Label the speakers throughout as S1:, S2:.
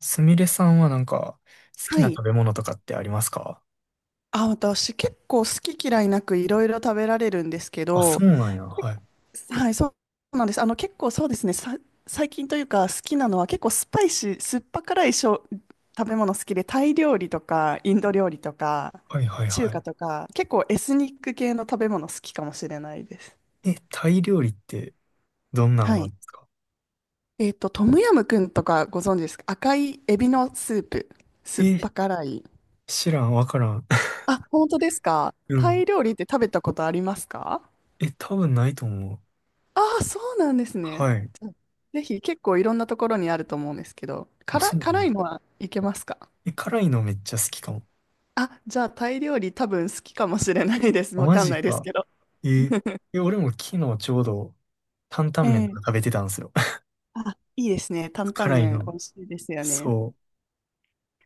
S1: すみれさんはなんか、好き
S2: は
S1: な
S2: い。
S1: 食べ物とかってありますか？
S2: あ、私結構好き嫌いなくいろいろ食べられるんですけ
S1: あ、そ
S2: ど、
S1: うなんや。
S2: け
S1: はい。
S2: はい、そうなんです。あの結構そうですね、最近というか好きなのは結構スパイシー、酸っぱ辛いしょ食べ物好きで、タイ料理とかインド料理とか
S1: はいはい
S2: 中
S1: は
S2: 華とか、結構エスニック系の食べ物好きかもしれないです。
S1: い。え、タイ料理ってどんなん
S2: は
S1: があるん
S2: い。
S1: ですか？
S2: トムヤムクンとかご存知ですか？赤いエビのスープ、酸っ
S1: え、
S2: ぱ辛い。
S1: 知らん、わからん。
S2: あ、本当ですか？
S1: う
S2: タイ
S1: ん。
S2: 料理って食べたことありますか？
S1: え、多分ないと思う。
S2: ああ、そうなんですね。
S1: はい。
S2: うん、ぜひ。結構いろんなところにあると思うんですけど、
S1: あ、
S2: 辛
S1: そ
S2: い、
S1: う
S2: 辛
S1: ね。
S2: いのはいけますか？
S1: え、辛いのめっちゃ好きかも。
S2: あ、じゃあタイ料理多分好きかもしれないです。
S1: あ、
S2: わ
S1: マ
S2: かん
S1: ジ
S2: ないです
S1: か。
S2: けど。
S1: え、え、俺も昨日ちょうど担々麺と
S2: え
S1: か食
S2: え、
S1: べてたんですよ。
S2: あ、いいですね。担々
S1: 辛い
S2: 麺美
S1: の。
S2: 味しいですよね。
S1: そ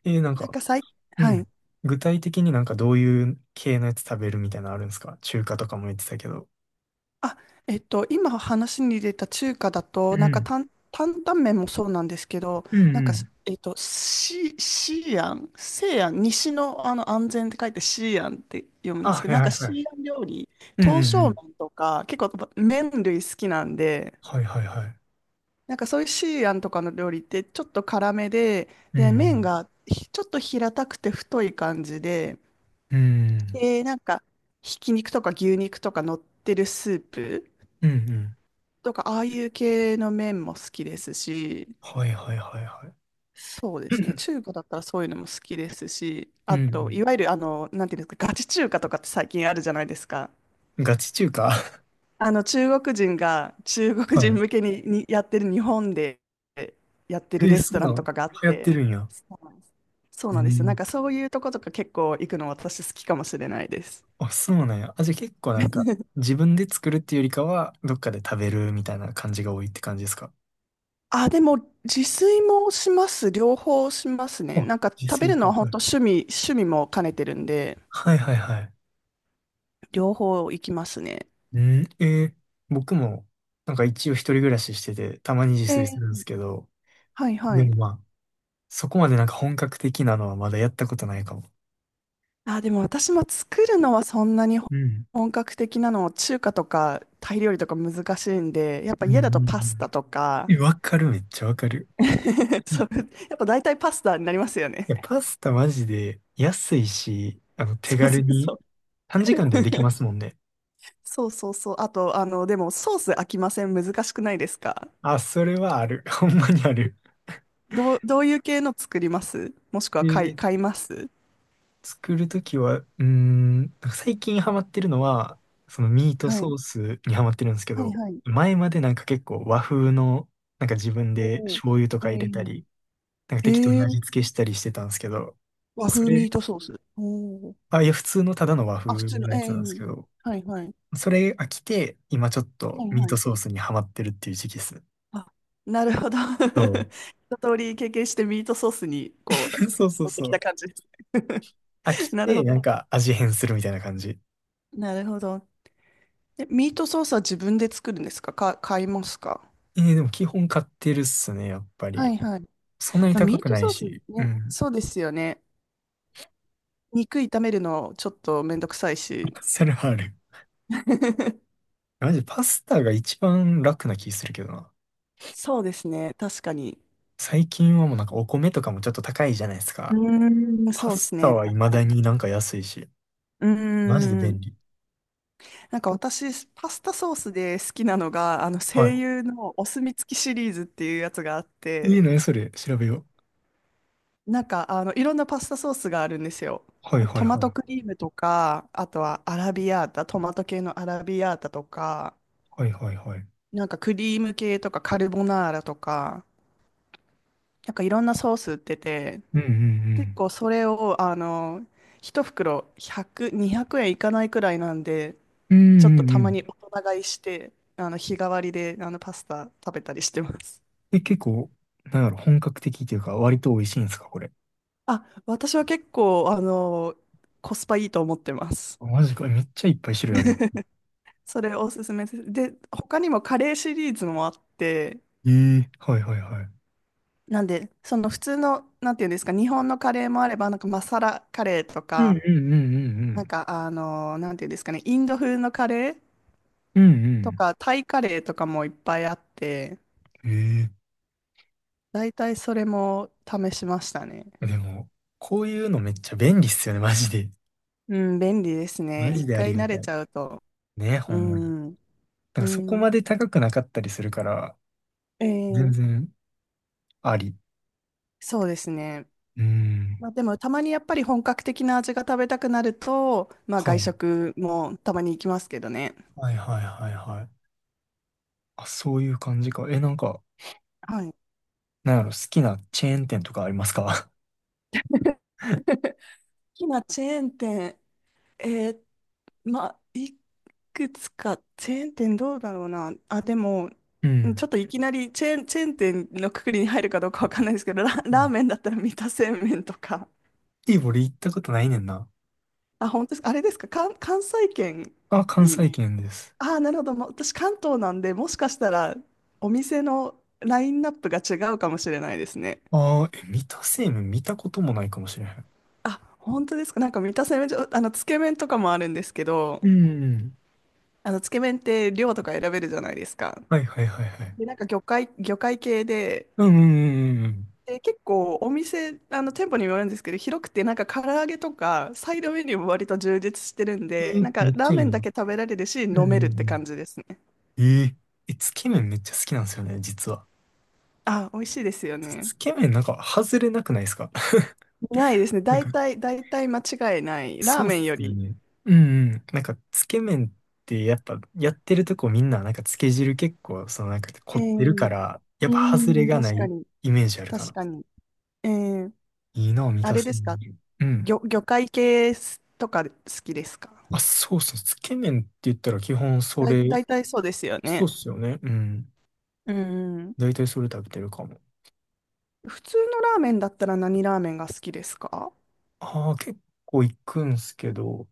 S1: う。え、なん
S2: なん
S1: か、
S2: かさい、
S1: う
S2: はい。
S1: ん。具体的になんかどういう系のやつ食べるみたいなのあるんですか？中華とかも言ってたけど。
S2: あ、えっと、今話に出た中華だと、
S1: う
S2: なんか
S1: ん。
S2: 担々麺もそうなんですけど、
S1: うん
S2: なん
S1: う
S2: か、
S1: ん。
S2: えっと、シーアン、西安、西の、あの安全って書いてシーアンって読むんで
S1: あ、
S2: すけ
S1: は
S2: ど、
S1: い
S2: なん
S1: はい
S2: か
S1: は
S2: シ
S1: い。
S2: ーアン料理、
S1: うん
S2: 刀
S1: う
S2: 削
S1: んうん。
S2: 麺とか、結構麺類好きなんで、
S1: はいはいはい。
S2: なんかそういうシーアンとかの料理ってちょっと辛めで、
S1: う
S2: で、麺
S1: ん
S2: がちょっと平たくて太い感じで、
S1: うん。うん
S2: で、なんか、ひき肉とか牛肉とか乗ってるスープ。
S1: うん。うん
S2: とか、ああいう系の麺も好きですし、
S1: はいはいはいはい。
S2: そうですね、中華だったらそういうのも好きですし、
S1: う
S2: あと、
S1: ん
S2: いわゆる、なんていうんですか、ガチ中華とかって最近あるじゃないですか。
S1: うん。ガチ中華。
S2: 中国人が中 国
S1: は
S2: 人
S1: い。
S2: 向けに、やってる、日本でやって
S1: え
S2: る
S1: ー、
S2: レス
S1: そ
S2: ト
S1: う
S2: ラ
S1: な
S2: ンと
S1: の？
S2: かがあっ
S1: 流行って
S2: て、
S1: るんや。
S2: そうなんです。そう
S1: え
S2: なんですよ。な
S1: ー、
S2: んかそういうとことか結構行くの私好きかもしれないです。
S1: あ、そうなんや。あ、じゃあ結構なんか、自分で作るっていうよりかは、どっかで食べるみたいな感じが多いって感じですか？
S2: あ、でも自炊もします。両方しますね。な
S1: あ、
S2: んか
S1: 自
S2: 食べ
S1: 炊
S2: るの
S1: か。
S2: は本
S1: はい。
S2: 当趣味も兼ねてるんで。
S1: はいはいはい。
S2: 両方行きますね。
S1: うん、僕も、なんか一応一人暮らししてて、たまに自炊す
S2: え
S1: るんで
S2: ー、
S1: すけど、
S2: はいは
S1: で
S2: い。
S1: もまあ、そこまでなんか本格的なのはまだやったことないかも。
S2: あ、でも私も作るのはそんなに
S1: うん。
S2: 本格的なの、中華とかタイ料理とか難しいんで、やっぱ
S1: うん
S2: 家
S1: う
S2: だと
S1: んう
S2: パスタ
S1: ん。
S2: とか、
S1: え、わかる、めっちゃわかる。う
S2: そ
S1: ん。
S2: う、やっぱ大体パスタになりますよ
S1: いや、
S2: ね。
S1: パスタマジで安いし、手
S2: そう
S1: 軽
S2: そうそ
S1: に
S2: う。
S1: 短時間ではでき ますもんね。
S2: そうそうそう。あと、でもソース飽きません？難しくないですか？
S1: あ、それはある。ほんまにある。
S2: どういう系の作ります？もしくは
S1: で、
S2: 買います
S1: 作るときは、なんか最近ハマってるのは、そのミート
S2: はい。
S1: ソースにハマってるんですけ
S2: はい
S1: ど、
S2: はい。
S1: 前までなんか結構和風の、なんか自分で
S2: おー、
S1: 醤油と
S2: えー。
S1: か入れた
S2: うん、
S1: り、なんか適当に
S2: えー、
S1: 味付けしたりしてたんですけど、
S2: 和
S1: そ
S2: 風ミー
S1: れ
S2: トソース。おー、
S1: あ、いや、普通のただの和風
S2: あ、普通の
S1: の
S2: 永
S1: やつなんです
S2: 遠、
S1: けど、
S2: えはいはい。
S1: それ飽きて、今ちょっ
S2: は
S1: と
S2: い
S1: ミー
S2: はい。
S1: トソースにハマってるっていう時期です。
S2: あ、なるほど。
S1: そ う。
S2: 一通り経験してミートソースにこう
S1: そうそう
S2: 持って
S1: そ
S2: きた
S1: う。
S2: 感じです
S1: 飽
S2: ね。
S1: き
S2: なる
S1: て、
S2: ほ
S1: な
S2: ど。
S1: んか味変するみたいな感じ。
S2: なるほど。で、ミートソースは自分で作るんですか買いますか？
S1: でも基本買ってるっすね、やっぱ
S2: は
S1: り。
S2: いはい。
S1: そんなに
S2: まあ、
S1: 高
S2: ミー
S1: く
S2: ト
S1: ない
S2: ソース
S1: し。う
S2: ね、
S1: ん。
S2: そうですよね。肉炒めるのちょっとめんどくさいし。
S1: それはある。マジパスタが一番楽な気するけどな。
S2: そうですね、確かに。
S1: 最近はもうなんかお米とかもちょっと高いじゃないです
S2: う
S1: か。
S2: ーん、
S1: パ
S2: そうです
S1: スタ
S2: ね、
S1: は
S2: 確
S1: 未
S2: か
S1: だ
S2: に。
S1: になんか安いし。
S2: うー
S1: マジで便
S2: ん。
S1: 利。
S2: なんか私、パスタソースで好きなのが、あの、
S1: は
S2: 声
S1: い。
S2: 優のお墨付きシリーズっていうやつがあっ
S1: いい
S2: て、
S1: ね、それ。調べよう。
S2: なんか、あの、いろんなパスタソースがあるんですよ。
S1: はいは
S2: ト
S1: い
S2: マ
S1: は
S2: ト
S1: い。
S2: クリームとか、あとはアラビアータ、トマト系のアラビアータとか、
S1: はいはいはい。
S2: なんかクリーム系とかカルボナーラとか、なんかいろんなソース売ってて、
S1: うんう
S2: 結
S1: ん
S2: 構それを、あの、一袋100、200円いかないくらいなんで、
S1: うん。う
S2: ちょっ
S1: ん
S2: と
S1: うん
S2: た
S1: う
S2: まに
S1: ん。
S2: 大人買いして、あの日替わりであのパスタ食べたりしてます。
S1: え、結構、なんだろう、本格的というか、割と美味しいんですか、これ？
S2: あ、私は結構、あの、コスパいいと思ってます。
S1: あマジか、めっちゃいっぱい種類あるの？
S2: それおすすめです。で、他にもカレーシリーズもあって、
S1: ええはいはいはい。
S2: なんで、その普通の、なんていうんですか、日本のカレーもあれば、なんかマサラカレーと
S1: うん
S2: か、
S1: うんうんう
S2: なん
S1: ん
S2: か、あの、なんていうんですかね、インド風のカレー
S1: うん。う
S2: と
S1: ん
S2: か、タイカレーとかもいっぱいあって、
S1: うん。え
S2: 大体それも試しましたね。
S1: えでも、こういうのめっちゃ便利っすよね、マジで。
S2: うん、便利ですね。
S1: マジ
S2: 一
S1: であ
S2: 回
S1: りが
S2: 慣
S1: た
S2: れ
S1: い。
S2: ちゃうと。
S1: ね、ほ
S2: う
S1: んまに。
S2: ん、
S1: な
S2: う
S1: んかそこ
S2: ん、
S1: まで高くなかったりするから、
S2: え
S1: 全
S2: ー、
S1: 然あり。
S2: そうですね。
S1: うん。
S2: まあ、でもたまにやっぱり本格的な味が食べたくなると、まあ、
S1: は
S2: 外
S1: い。
S2: 食もたまに行きますけどね。
S1: はいはいはいはい。あ、そういう感じか。え、なんか、
S2: はい。好
S1: なんやろ、好きなチェーン店とかありますか？
S2: きなチェーン店、えー、まあ、いくつか、チェーン店どうだろうな。あ、でも、
S1: うん。
S2: ちょっといきなりチェーン店のくくりに入るかどうかわかんないですけど、
S1: う
S2: ラー
S1: ん。
S2: メンだったら三田製麺とか、
S1: いい、俺行ったことないねんな。
S2: あ、本当ですか、あれですか、関西圏
S1: あ、関
S2: に、
S1: 西圏です。
S2: ああ、なるほど。まあ私、関東なんで、もしかしたらお店のラインナップが違うかもしれないですね。
S1: ああ、え、三田製麺見たこともないかもしれへん。
S2: あ、本当ですか。なんか三田製麺所、あの、つけ麺とかもあるんですけど、
S1: うん。
S2: あの、つけ麺って量とか選べるじゃないですか。
S1: はいはいはいはい。
S2: で、なんか魚介系で、
S1: うんうんうんうん。
S2: で、結構お店、あの、店舗にもよるんですけど、広くて、なんか唐揚げとか、サイドメニューも割と充実してるん
S1: え
S2: で、
S1: ー、
S2: なんか
S1: めっ
S2: ラ
S1: ち
S2: ー
S1: ゃいい
S2: メンだ
S1: な。
S2: け食べられるし、
S1: うん
S2: 飲め
S1: う
S2: るって感
S1: ん
S2: じですね。
S1: うん。えー、え、つけ麺めっちゃ好きなんですよね、実は。
S2: あ、美味しいですよ
S1: つつ
S2: ね。
S1: け麺なんか外れなくないですか？
S2: ないですね。
S1: なんか
S2: 大体間違いない。ラー
S1: そうっ
S2: メン
S1: す
S2: よ
S1: よ
S2: り。
S1: ね。うんうん。なんか、つけ麺ってやっぱ、やってるとこみんな、なんか、つけ汁結構、そのなんか、凝
S2: え
S1: ってるか
S2: え、
S1: ら、やっ
S2: う
S1: ぱ、外れ
S2: ん、
S1: がな
S2: 確か
S1: い
S2: に。
S1: イメージあるか
S2: 確
S1: な。
S2: かに。ええ、
S1: いいな、満
S2: あ
S1: た
S2: れ
S1: す。
S2: ですか？
S1: うん。
S2: 魚介系とか好きですか？
S1: あ、そうそう。つけ麺って言ったら基本そ
S2: だ、
S1: れ、
S2: 大体そうですよ
S1: そうっ
S2: ね。
S1: すよね。うん。
S2: うん。
S1: だいたいそれ食べてるかも。
S2: 普通のラーメンだったら何ラーメンが好きですか？
S1: ああ、結構行くんすけど、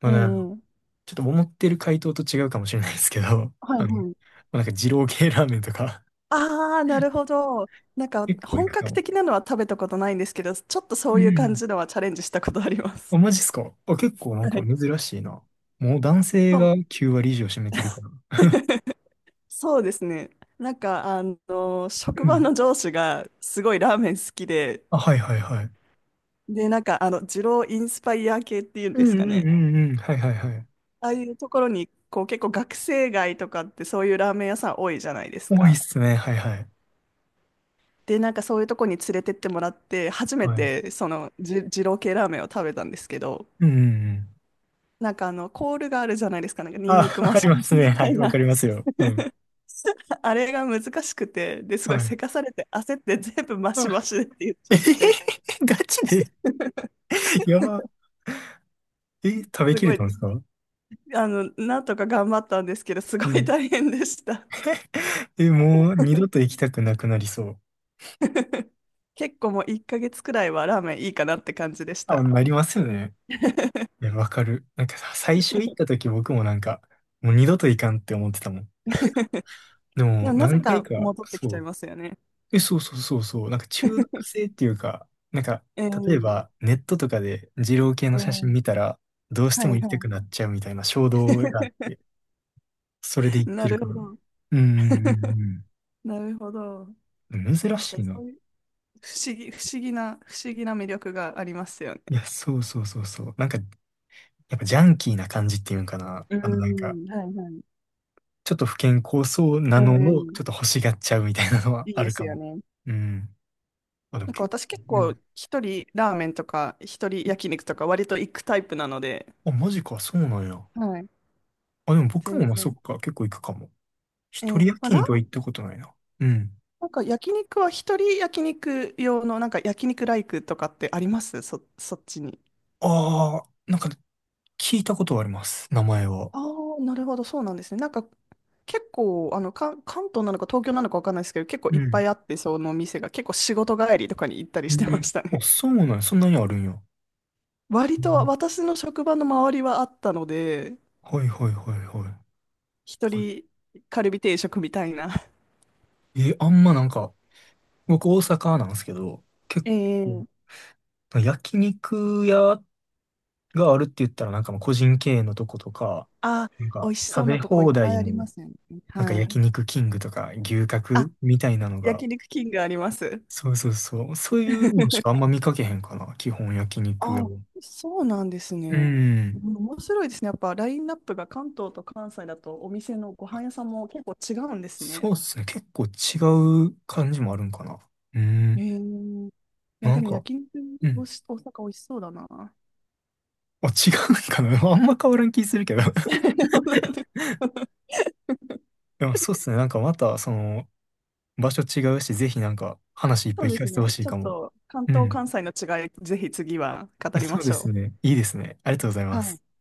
S1: まあね、
S2: ええ、
S1: ちょっと思ってる回答と違うかもしれないですけど、
S2: はい
S1: ま
S2: はい。
S1: あ、なんか、二郎系ラーメンとか、
S2: ああ、なる ほど。なんか、
S1: 結構行
S2: 本
S1: くか
S2: 格
S1: も。
S2: 的なのは食べたことないんですけど、ちょっとそ
S1: う
S2: ういう感
S1: ん。
S2: じのはチャレンジしたことありま
S1: あ、
S2: す。
S1: マジっすかあ、結構なん
S2: は
S1: か
S2: い。
S1: 珍しいな。もう男性
S2: そう。
S1: が9割以上占めてるから。
S2: そうですね。なんか、あの、職
S1: う
S2: 場
S1: ん。
S2: の上司がすごいラーメン好きで、
S1: あ、はいはいはい。
S2: で、なんか、あの、二郎インスパイア系っていうん
S1: う
S2: です
S1: ん
S2: か
S1: うん
S2: ね。
S1: うんうん。はいはいはい。
S2: ああいうところに、こう、結構学生街とかってそういうラーメン屋さん多いじゃないです
S1: 多いっ
S2: か。
S1: すね。はいはい。
S2: で、なんかそういうとこに連れてってもらって、初め
S1: はい。
S2: てその二郎系ラーメンを食べたんですけど、
S1: うんうんうん。
S2: なんかあの、コールがあるじゃないですか。なんかニン
S1: あ、
S2: ニク マ
S1: あり
S2: シ
S1: ま
S2: マ
S1: す
S2: シ
S1: ね。
S2: み
S1: は
S2: たい
S1: い。わ
S2: な。
S1: かりますよ。うん。
S2: あれが難しくて、で、すごい
S1: はい。
S2: せかされて焦って全部マ
S1: あ、
S2: シマシでって言っち
S1: え
S2: ゃっ
S1: へへへ。
S2: て、
S1: ガチで。 やば。え、食べ
S2: す
S1: き
S2: ご
S1: れ
S2: い、
S1: たんですか？
S2: あの、なんとか頑張ったんですけど、すご
S1: う
S2: い
S1: ん。
S2: 大変でした。
S1: え、もう二度と行きたくなくなりそう。
S2: 結構もう1ヶ月くらいはラーメンいいかなって感じでし
S1: あ、
S2: た。
S1: なりますよね。い や、わかる。なんかさ、最初行った時僕もなんか、もう二度と行かんって思ってたもん。で
S2: で
S1: も、
S2: もなぜ
S1: 何回
S2: か
S1: か、
S2: 戻ってきち
S1: そ
S2: ゃい
S1: う。
S2: ますよね。
S1: え、そうそうそうそう。なんか中毒性っていうか、なんか、
S2: え
S1: 例えば、
S2: え、
S1: ネットとかで二郎系
S2: え
S1: の
S2: え、
S1: 写真見たら、どうして
S2: は
S1: も
S2: い
S1: 行きた
S2: は
S1: く
S2: い。
S1: なっちゃうみたいな衝動があっ て、それで行って
S2: な
S1: る
S2: る
S1: か
S2: ほ
S1: ら。
S2: ど。
S1: うんう ん
S2: なるほど。
S1: うんうん。珍
S2: 確か
S1: しい
S2: に
S1: な。
S2: そういう不思議な魅力がありますよね。
S1: いや、そうそうそうそう。なんか、やっぱジャンキーな感じっていうんかな。
S2: う
S1: なんか、
S2: ん、はいはい。
S1: ちょっと不健康そうな
S2: う
S1: のを、
S2: ん、
S1: ちょっと欲しがっちゃうみたいなのは
S2: いい
S1: あ
S2: で
S1: る
S2: す
S1: か
S2: よ
S1: も。
S2: ね。
S1: うん。あ、でも
S2: なんか
S1: 結構、
S2: 私結
S1: う
S2: 構
S1: ん。
S2: 一人ラーメンとか一人焼肉とか割と行くタイプなので、
S1: あ、マジか、そうなんや。
S2: はい。
S1: あ、でも僕
S2: 全
S1: もまあそっ
S2: 然。
S1: か、結構行くかも。
S2: え
S1: 一
S2: ー、
S1: 人
S2: まあ、
S1: 焼
S2: ラ
S1: 肉
S2: ー
S1: は
S2: メン、
S1: 行ったことないな。うん。
S2: なんか焼肉は一人焼肉用のなんか焼肉ライクとかってあります、そっちに。
S1: ああ、なんか聞いたことはあります、名前は。
S2: ああ、なるほど、そうなんですね。なんか結構あの関東なのか東京なのかわかんないですけど、結構
S1: う
S2: いっぱ
S1: ん。
S2: いあって、その店が結構仕事帰りとかに行ったり
S1: う
S2: してま
S1: ん。
S2: した
S1: あ、
S2: ね。
S1: そうなんや、そんなにあるんや。
S2: 割
S1: う
S2: と
S1: ん
S2: 私の職場の周りはあったので、
S1: はいはいはいは
S2: 一人カルビ定食みたいな。
S1: い。え、あんまなんか、僕大阪なんですけど、結
S2: ええ、
S1: 構、焼肉屋があるって言ったらなんかまあ個人経営のとことか、
S2: あ、
S1: なん
S2: 美
S1: か
S2: 味しそう
S1: 食べ
S2: なとこいっ
S1: 放
S2: ぱい
S1: 題
S2: あ
S1: の
S2: りますよね。
S1: なんか
S2: は
S1: 焼
S2: い。
S1: 肉キングとか牛
S2: あ、
S1: 角みたいなのが
S2: 焼肉キングあります。
S1: そうそうそう。そういうのしかあん ま見かけへんかな。基本焼肉屋
S2: あ、
S1: は。
S2: そうなんです
S1: う
S2: ね。う
S1: ん。
S2: ん、面白いですね。やっぱラインナップが関東と関西だとお店のご飯屋さんも結構違うんです
S1: そ
S2: ね。
S1: うっすね。結構違う感じもあるんかな。う
S2: え
S1: ん。
S2: ー、いや、
S1: な
S2: で
S1: ん
S2: も
S1: か、
S2: 焼肉、
S1: うん。
S2: 大阪美味しそうだな。
S1: あ、違うんかな。あんま変わらん気するけど。
S2: 本当だね。
S1: でもそうっすね。なんかまた、場所違うし、ぜひなんか話いっ
S2: そ
S1: ぱい
S2: う
S1: 聞
S2: で
S1: か
S2: す
S1: せてほ
S2: ね。
S1: しい
S2: ちょっ
S1: かも。
S2: と関
S1: う
S2: 東、
S1: ん。
S2: 関西の違い、ぜひ次は語 りま
S1: そう
S2: し
S1: です
S2: ょ
S1: ね。いいですね。ありがとうござい
S2: う。
S1: ま
S2: は
S1: す。
S2: い。